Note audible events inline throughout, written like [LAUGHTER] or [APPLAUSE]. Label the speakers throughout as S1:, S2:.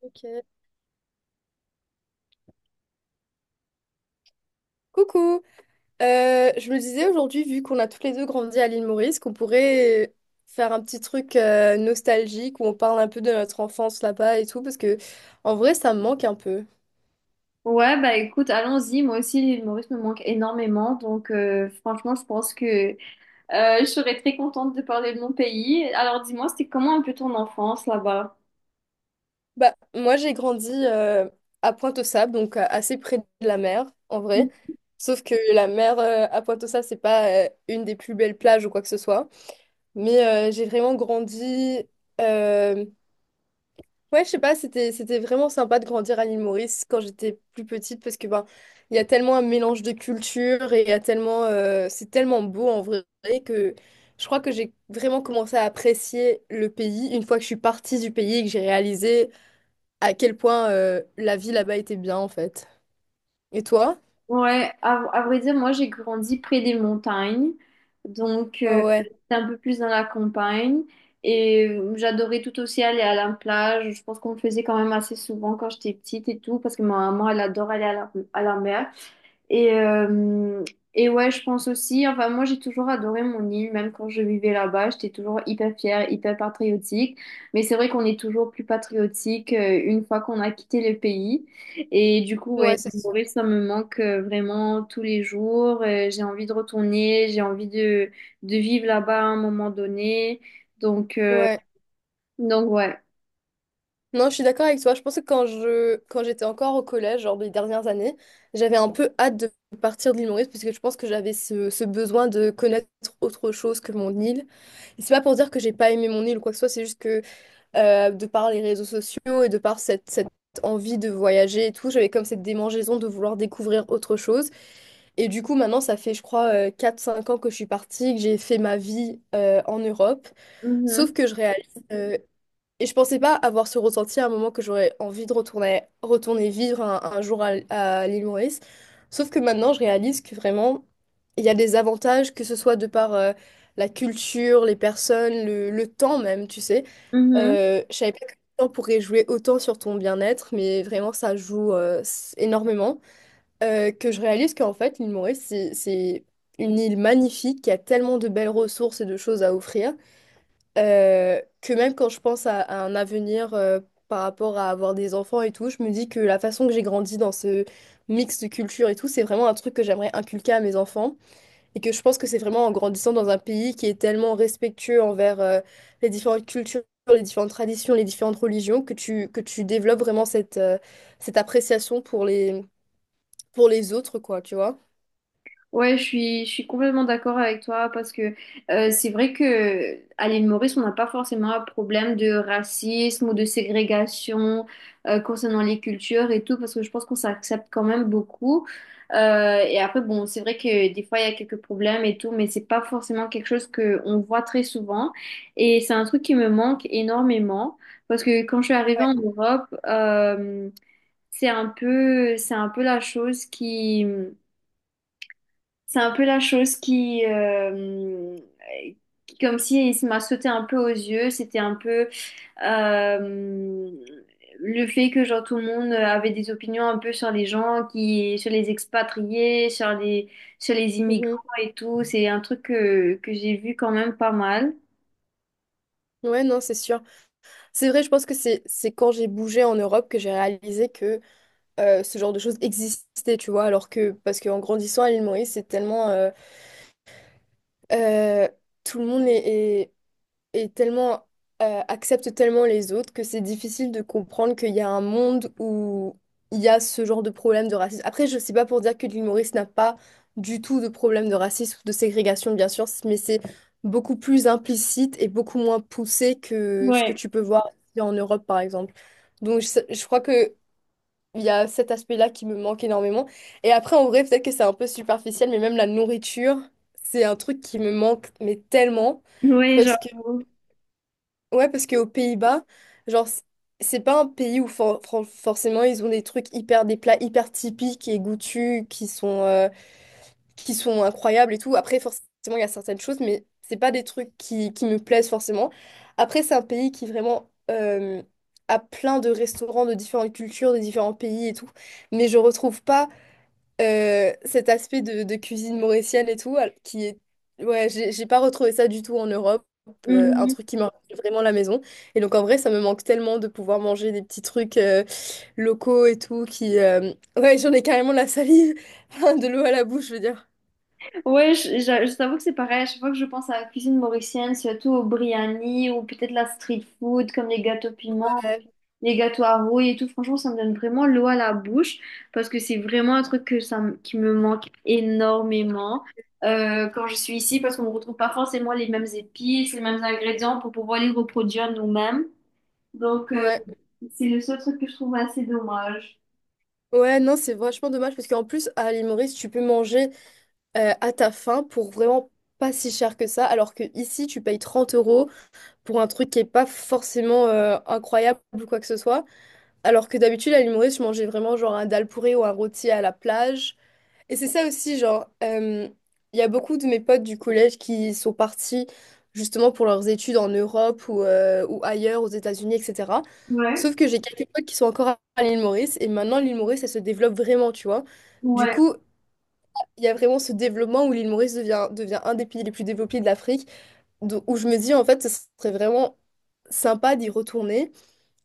S1: Ok. Coucou. Je me disais aujourd'hui, vu qu'on a tous les deux grandi à l'île Maurice, qu'on pourrait faire un petit truc nostalgique où on parle un peu de notre enfance là-bas et tout, parce que en vrai, ça me manque un peu.
S2: Ouais, bah écoute, allons-y. Moi aussi, l'île Maurice me manque énormément. Donc, franchement, je pense que je serais très contente de parler de mon pays. Alors, dis-moi, c'était comment un peu ton enfance là-bas?
S1: Bah, moi, j'ai grandi à Pointe-aux-Sables, donc assez près de la mer, en vrai. Sauf que la mer à Pointe-aux-Sables, c'est pas une des plus belles plages ou quoi que ce soit. Mais j'ai vraiment grandi. euh, Ouais, je sais pas, c'était vraiment sympa de grandir à l'île Maurice quand j'étais plus petite parce que ben il y a tellement un mélange de cultures et il y a tellement c'est tellement beau en vrai que je crois que j'ai vraiment commencé à apprécier le pays une fois que je suis partie du pays et que j'ai réalisé à quel point la vie là-bas était bien en fait. Et toi?
S2: Ouais, à vrai dire, moi, j'ai grandi près des montagnes. Donc,
S1: Ouais, ouais.
S2: j'étais un peu plus dans la campagne. Et j'adorais tout aussi aller à la plage. Je pense qu'on le faisait quand même assez souvent quand j'étais petite et tout, parce que ma maman, elle adore aller à à la mer. Et, euh, et ouais, je pense aussi, enfin moi j'ai toujours adoré mon île, même quand je vivais là-bas, j'étais toujours hyper fière, hyper patriotique. Mais c'est vrai qu'on est toujours plus patriotique une fois qu'on a quitté le pays. Et du coup, ouais,
S1: Ouais, c'est
S2: l'île
S1: sûr.
S2: Maurice, ça me manque vraiment tous les jours. J'ai envie de retourner, de vivre là-bas à un moment donné. Donc, euh,
S1: Ouais.
S2: donc ouais.
S1: Non, je suis d'accord avec toi. Je pense que quand j'étais encore au collège, genre les dernières années, j'avais un peu hâte de partir de l'île Maurice parce que je pense que j'avais ce besoin de connaître autre chose que mon île. Et c'est pas pour dire que j'ai pas aimé mon île ou quoi que ce soit, c'est juste que de par les réseaux sociaux et de par cette envie de voyager et tout, j'avais comme cette démangeaison de vouloir découvrir autre chose. Et du coup, maintenant, ça fait, je crois, 4-5 ans que je suis partie, que j'ai fait ma vie en Europe. Sauf
S2: Mhm.
S1: que je réalise. euh, et je pensais pas avoir ce ressenti à un moment que j'aurais envie de retourner vivre un jour à l'île Maurice. Sauf que maintenant, je réalise que vraiment, il y a des avantages, que ce soit de par la culture, les personnes, le temps même, tu sais.
S2: Mhm.
S1: Je savais pas que le temps pourrait jouer autant sur ton bien-être, mais vraiment, ça joue énormément. Que je réalise qu'en fait, l'île Maurice, c'est une île magnifique qui a tellement de belles ressources et de choses à offrir que même quand je pense à un avenir par rapport à avoir des enfants et tout, je me dis que la façon que j'ai grandi dans ce mix de culture et tout, c'est vraiment un truc que j'aimerais inculquer à mes enfants et que je pense que c'est vraiment en grandissant dans un pays qui est tellement respectueux envers les différentes cultures, les différentes traditions, les différentes religions, que tu développes vraiment cette appréciation pour les autres, quoi, tu vois.
S2: Ouais, je suis complètement d'accord avec toi parce que c'est vrai que à l'île Maurice, on n'a pas forcément un problème de racisme ou de ségrégation concernant les cultures et tout parce que je pense qu'on s'accepte quand même beaucoup. Et après, bon, c'est vrai que des fois, il y a quelques problèmes et tout, mais c'est pas forcément quelque chose que on voit très souvent. Et c'est un truc qui me manque énormément parce que quand je suis arrivée
S1: Ouais,
S2: en Europe, c'est un peu la chose qui... C'est un peu la chose qui- comme si il m'a sauté un peu aux yeux. C'était un peu euh, le fait que genre tout le monde avait des opinions un peu sur les gens qui, sur les expatriés, sur les immigrants
S1: mhm.
S2: et tout. C'est un truc que j'ai vu quand même pas mal.
S1: Ouais, non, c'est sûr. C'est vrai, je pense que c'est quand j'ai bougé en Europe que j'ai réalisé que ce genre de choses existait, tu vois, alors que, parce qu'en grandissant à l'île Maurice, c'est tellement, euh, tout le monde est tellement, accepte tellement les autres que c'est difficile de comprendre qu'il y a un monde où il y a ce genre de problème de racisme. Après, je sais pas pour dire que l'île Maurice n'a pas du tout de problème de racisme ou de ségrégation, bien sûr, mais c'est beaucoup plus implicite et beaucoup moins poussé que ce que
S2: Ouais.
S1: tu peux voir en Europe, par exemple. Donc, je crois que il y a cet aspect-là qui me manque énormément. Et après, en vrai, peut-être que c'est un peu superficiel, mais même la nourriture, c'est un truc qui me manque, mais tellement.
S2: Ouais,
S1: Parce
S2: genre.
S1: que, ouais, parce qu'aux Pays-Bas, genre, c'est pas un pays où forcément ils ont des trucs hyper, des plats hyper typiques et goûtus qui sont incroyables et tout. Après, forcément, il y a certaines choses, mais c'est pas des trucs qui me plaisent forcément. Après, c'est un pays qui vraiment a plein de restaurants de différentes cultures, de différents pays et tout. Mais je retrouve pas cet aspect de cuisine mauricienne et tout, qui est... Ouais, j'ai pas retrouvé ça du tout en Europe, un
S2: Mhm.
S1: truc qui me rappelle vraiment la maison. Et donc en vrai, ça me manque tellement de pouvoir manger des petits trucs locaux et tout, qui... Ouais, j'en ai carrément la salive, [LAUGHS] de l'eau à la bouche, je veux dire.
S2: Ouais, je t'avoue que c'est pareil. À chaque fois que je pense à la cuisine mauricienne, surtout au biryani ou peut-être la street food, comme les gâteaux piments,
S1: Ouais.
S2: les gâteaux à rouille et tout, franchement, ça me donne vraiment l'eau à la bouche parce que c'est vraiment un truc que ça, me- qui me manque énormément quand je suis ici parce qu'on ne retrouve pas forcément les mêmes épices, les mêmes ingrédients pour pouvoir les reproduire nous-mêmes. Donc,
S1: Ouais,
S2: c'est le seul truc que je trouve assez dommage.
S1: ouais, non, c'est vachement dommage parce qu'en plus, à l'île Maurice, tu peux manger à ta faim pour vraiment pas si cher que ça, alors que ici, tu payes 30 euros pour un truc qui est pas forcément incroyable ou quoi que ce soit. Alors que d'habitude, à l'île Maurice, je mangeais vraiment genre un dal pourré ou un rôti à la plage. Et c'est ça aussi, genre, il y a beaucoup de mes potes du collège qui sont partis justement pour leurs études en Europe ou ailleurs, aux États-Unis, etc.
S2: Ouais.
S1: Sauf que j'ai quelques potes qui sont encore à l'île Maurice et maintenant l'île Maurice, elle se développe vraiment, tu vois. Du
S2: Ouais.
S1: coup, il y a vraiment ce développement où l'île Maurice devient un des pays les plus développés de l'Afrique, où je me dis en fait, ce serait vraiment sympa d'y retourner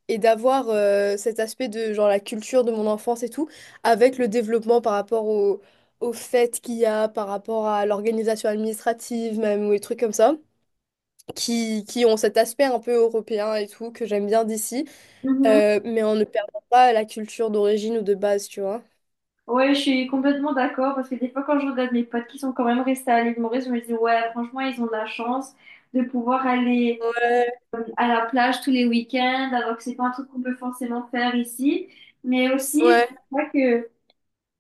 S1: et d'avoir cet aspect de genre la culture de mon enfance et tout, avec le développement par rapport aux fêtes qu'il y a, par rapport à l'organisation administrative même, ou des trucs comme ça, qui ont cet aspect un peu européen et tout, que j'aime bien d'ici,
S2: Mm-hmm.
S1: mais en ne perdant pas la culture d'origine ou de base, tu vois.
S2: Ouais, je suis complètement d'accord parce que des fois, quand je regarde mes potes qui sont quand même restés à l'île Maurice, je me dis, ouais, franchement, ils ont de la chance de pouvoir aller
S1: Ouais,
S2: à la plage tous les week-ends, alors que c'est pas un truc qu'on peut forcément faire ici. Mais aussi,
S1: ouais.
S2: pense pas que,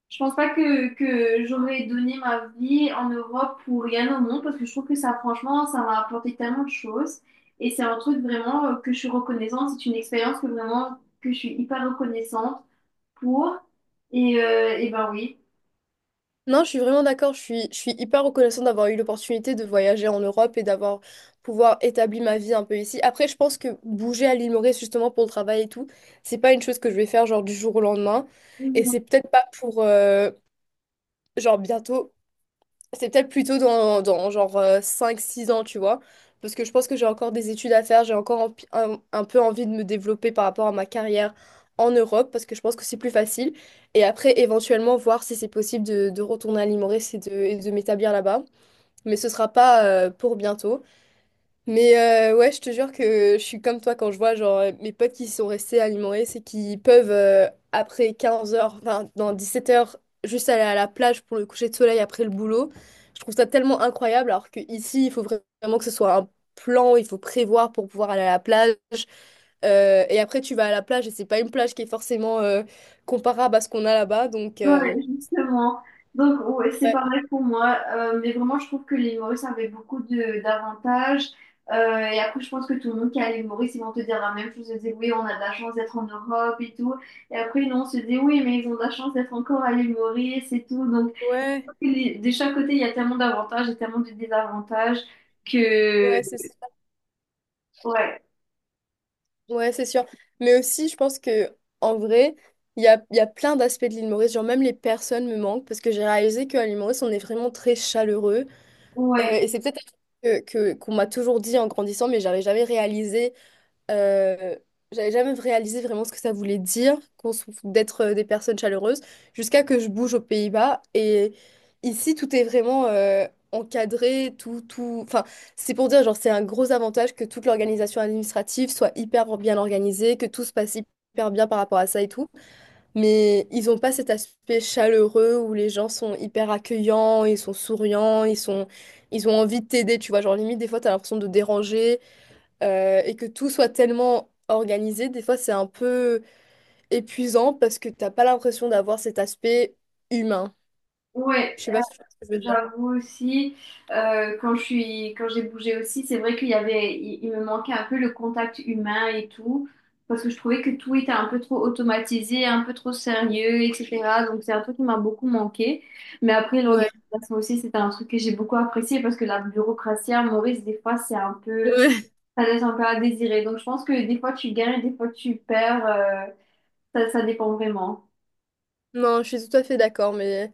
S2: je pense pas que j'aurais donné ma vie en Europe pour rien au monde parce que je trouve que ça, franchement, ça m'a apporté tellement de choses et c'est un truc vraiment que je suis reconnaissante. C'est une expérience que vraiment, que je suis hyper reconnaissante pour. Et ben oui.
S1: Non, je suis vraiment d'accord. Je suis hyper reconnaissante d'avoir eu l'opportunité de voyager en Europe et d'avoir pouvoir établir ma vie un peu ici. Après, je pense que bouger à l'île Maurice justement pour le travail et tout, c'est pas une chose que je vais faire genre du jour au lendemain. Et c'est peut-être pas pour genre bientôt. C'est peut-être plutôt dans genre 5 6 ans, tu vois. Parce que je pense que j'ai encore des études à faire, j'ai encore un peu envie de me développer par rapport à ma carrière en Europe, parce que je pense que c'est plus facile. Et après, éventuellement, voir si c'est possible de retourner à Limoré et de m'établir là-bas. Mais ce sera pas pour bientôt. Mais ouais, je te jure que je suis comme toi quand je vois genre mes potes qui sont restés alimentés c'est qu'ils peuvent après 15 heures enfin dans 17 heures juste aller à la plage pour le coucher de soleil après le boulot. Je trouve ça tellement incroyable alors que ici, il faut vraiment que ce soit un plan, il faut prévoir pour pouvoir aller à la plage. Et après, tu vas à la plage et c'est pas une plage qui est forcément comparable à ce qu'on a là-bas. Donc,
S2: Ouais, justement. Donc, ouais, c'est
S1: ouais,
S2: pareil pour moi. Mais vraiment, je trouve que les humoristes avaient beaucoup de d'avantages. Et après, je pense que tout le monde qui est à l'humoriste, ils vont te dire la même chose. Ils disent, oui, on a de la chance d'être en Europe et tout. Et après, non, on se dit, oui, mais ils ont de la chance d'être encore à l'humoriste et tout. Donc,
S1: ouais,
S2: les- de chaque côté, il y a tellement d'avantages et tellement de désavantages que...
S1: ouais, c'est ça.
S2: Ouais,
S1: Ouais, c'est sûr. Mais aussi, je pense que en vrai, il y a plein d'aspects de l'île Maurice. Genre, même les personnes me manquent parce que j'ai réalisé qu'à l'île Maurice, on est vraiment très chaleureux. Euh,
S2: ouais,
S1: et c'est peut-être un truc qu'on m'a toujours dit en grandissant, mais euh, j'avais jamais réalisé vraiment ce que ça voulait dire d'être des personnes chaleureuses jusqu'à que je bouge aux Pays-Bas. Et ici, tout est vraiment encadré, tout, tout. Enfin, c'est pour dire, genre, c'est un gros avantage que toute l'organisation administrative soit hyper bien organisée, que tout se passe hyper bien par rapport à ça et tout. Mais ils ont pas cet aspect chaleureux où les gens sont hyper accueillants, ils sont souriants, ils ont envie de t'aider, tu vois. Genre, limite, des fois, t'as l'impression de déranger et que tout soit tellement organisé, des fois c'est un peu épuisant parce que t'as pas l'impression d'avoir cet aspect humain.
S2: ouais.
S1: Je sais pas si tu vois ce que je veux dire.
S2: J'avoue aussi, quand j'ai bougé aussi, c'est vrai qu'il y avait, il me manquait un peu le contact humain et tout, parce que je trouvais que tout était un peu trop automatisé, un peu trop sérieux, etc. Donc c'est un truc qui m'a beaucoup manqué. Mais après,
S1: Ouais.
S2: l'organisation aussi, c'était un truc que j'ai beaucoup apprécié parce que la bureaucratie à Maurice, des fois, c'est un peu,
S1: Ouais. [LAUGHS]
S2: ça laisse un peu à désirer. Donc je pense que des fois tu gagnes, des fois tu perds, ça dépend vraiment.
S1: Non, je suis tout à fait d'accord, mais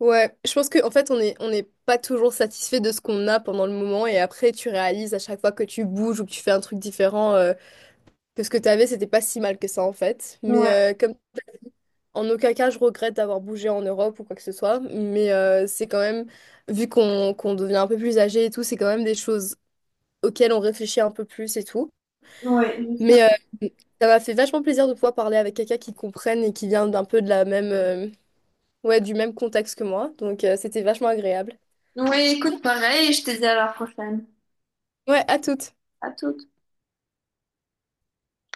S1: ouais, je pense qu'en fait on n'est pas toujours satisfait de ce qu'on a pendant le moment et après tu réalises à chaque fois que tu bouges ou que tu fais un truc différent que ce que t'avais c'était pas si mal que ça en fait. Mais
S2: Ouais,
S1: comme En aucun cas, je regrette d'avoir bougé en Europe ou quoi que ce soit, mais c'est quand même, vu qu'on devient un peu plus âgé et tout, c'est quand même des choses auxquelles on réfléchit un peu plus et tout.
S2: ouais, justement.
S1: Mais ça m'a fait vachement plaisir de pouvoir parler avec quelqu'un qui comprenne et qui vient d'un peu de la même, ouais, du même contexte que moi. Donc c'était vachement agréable.
S2: Ouais, écoute, pareil, je te dis à la prochaine.
S1: Ouais, à toutes.
S2: À tout.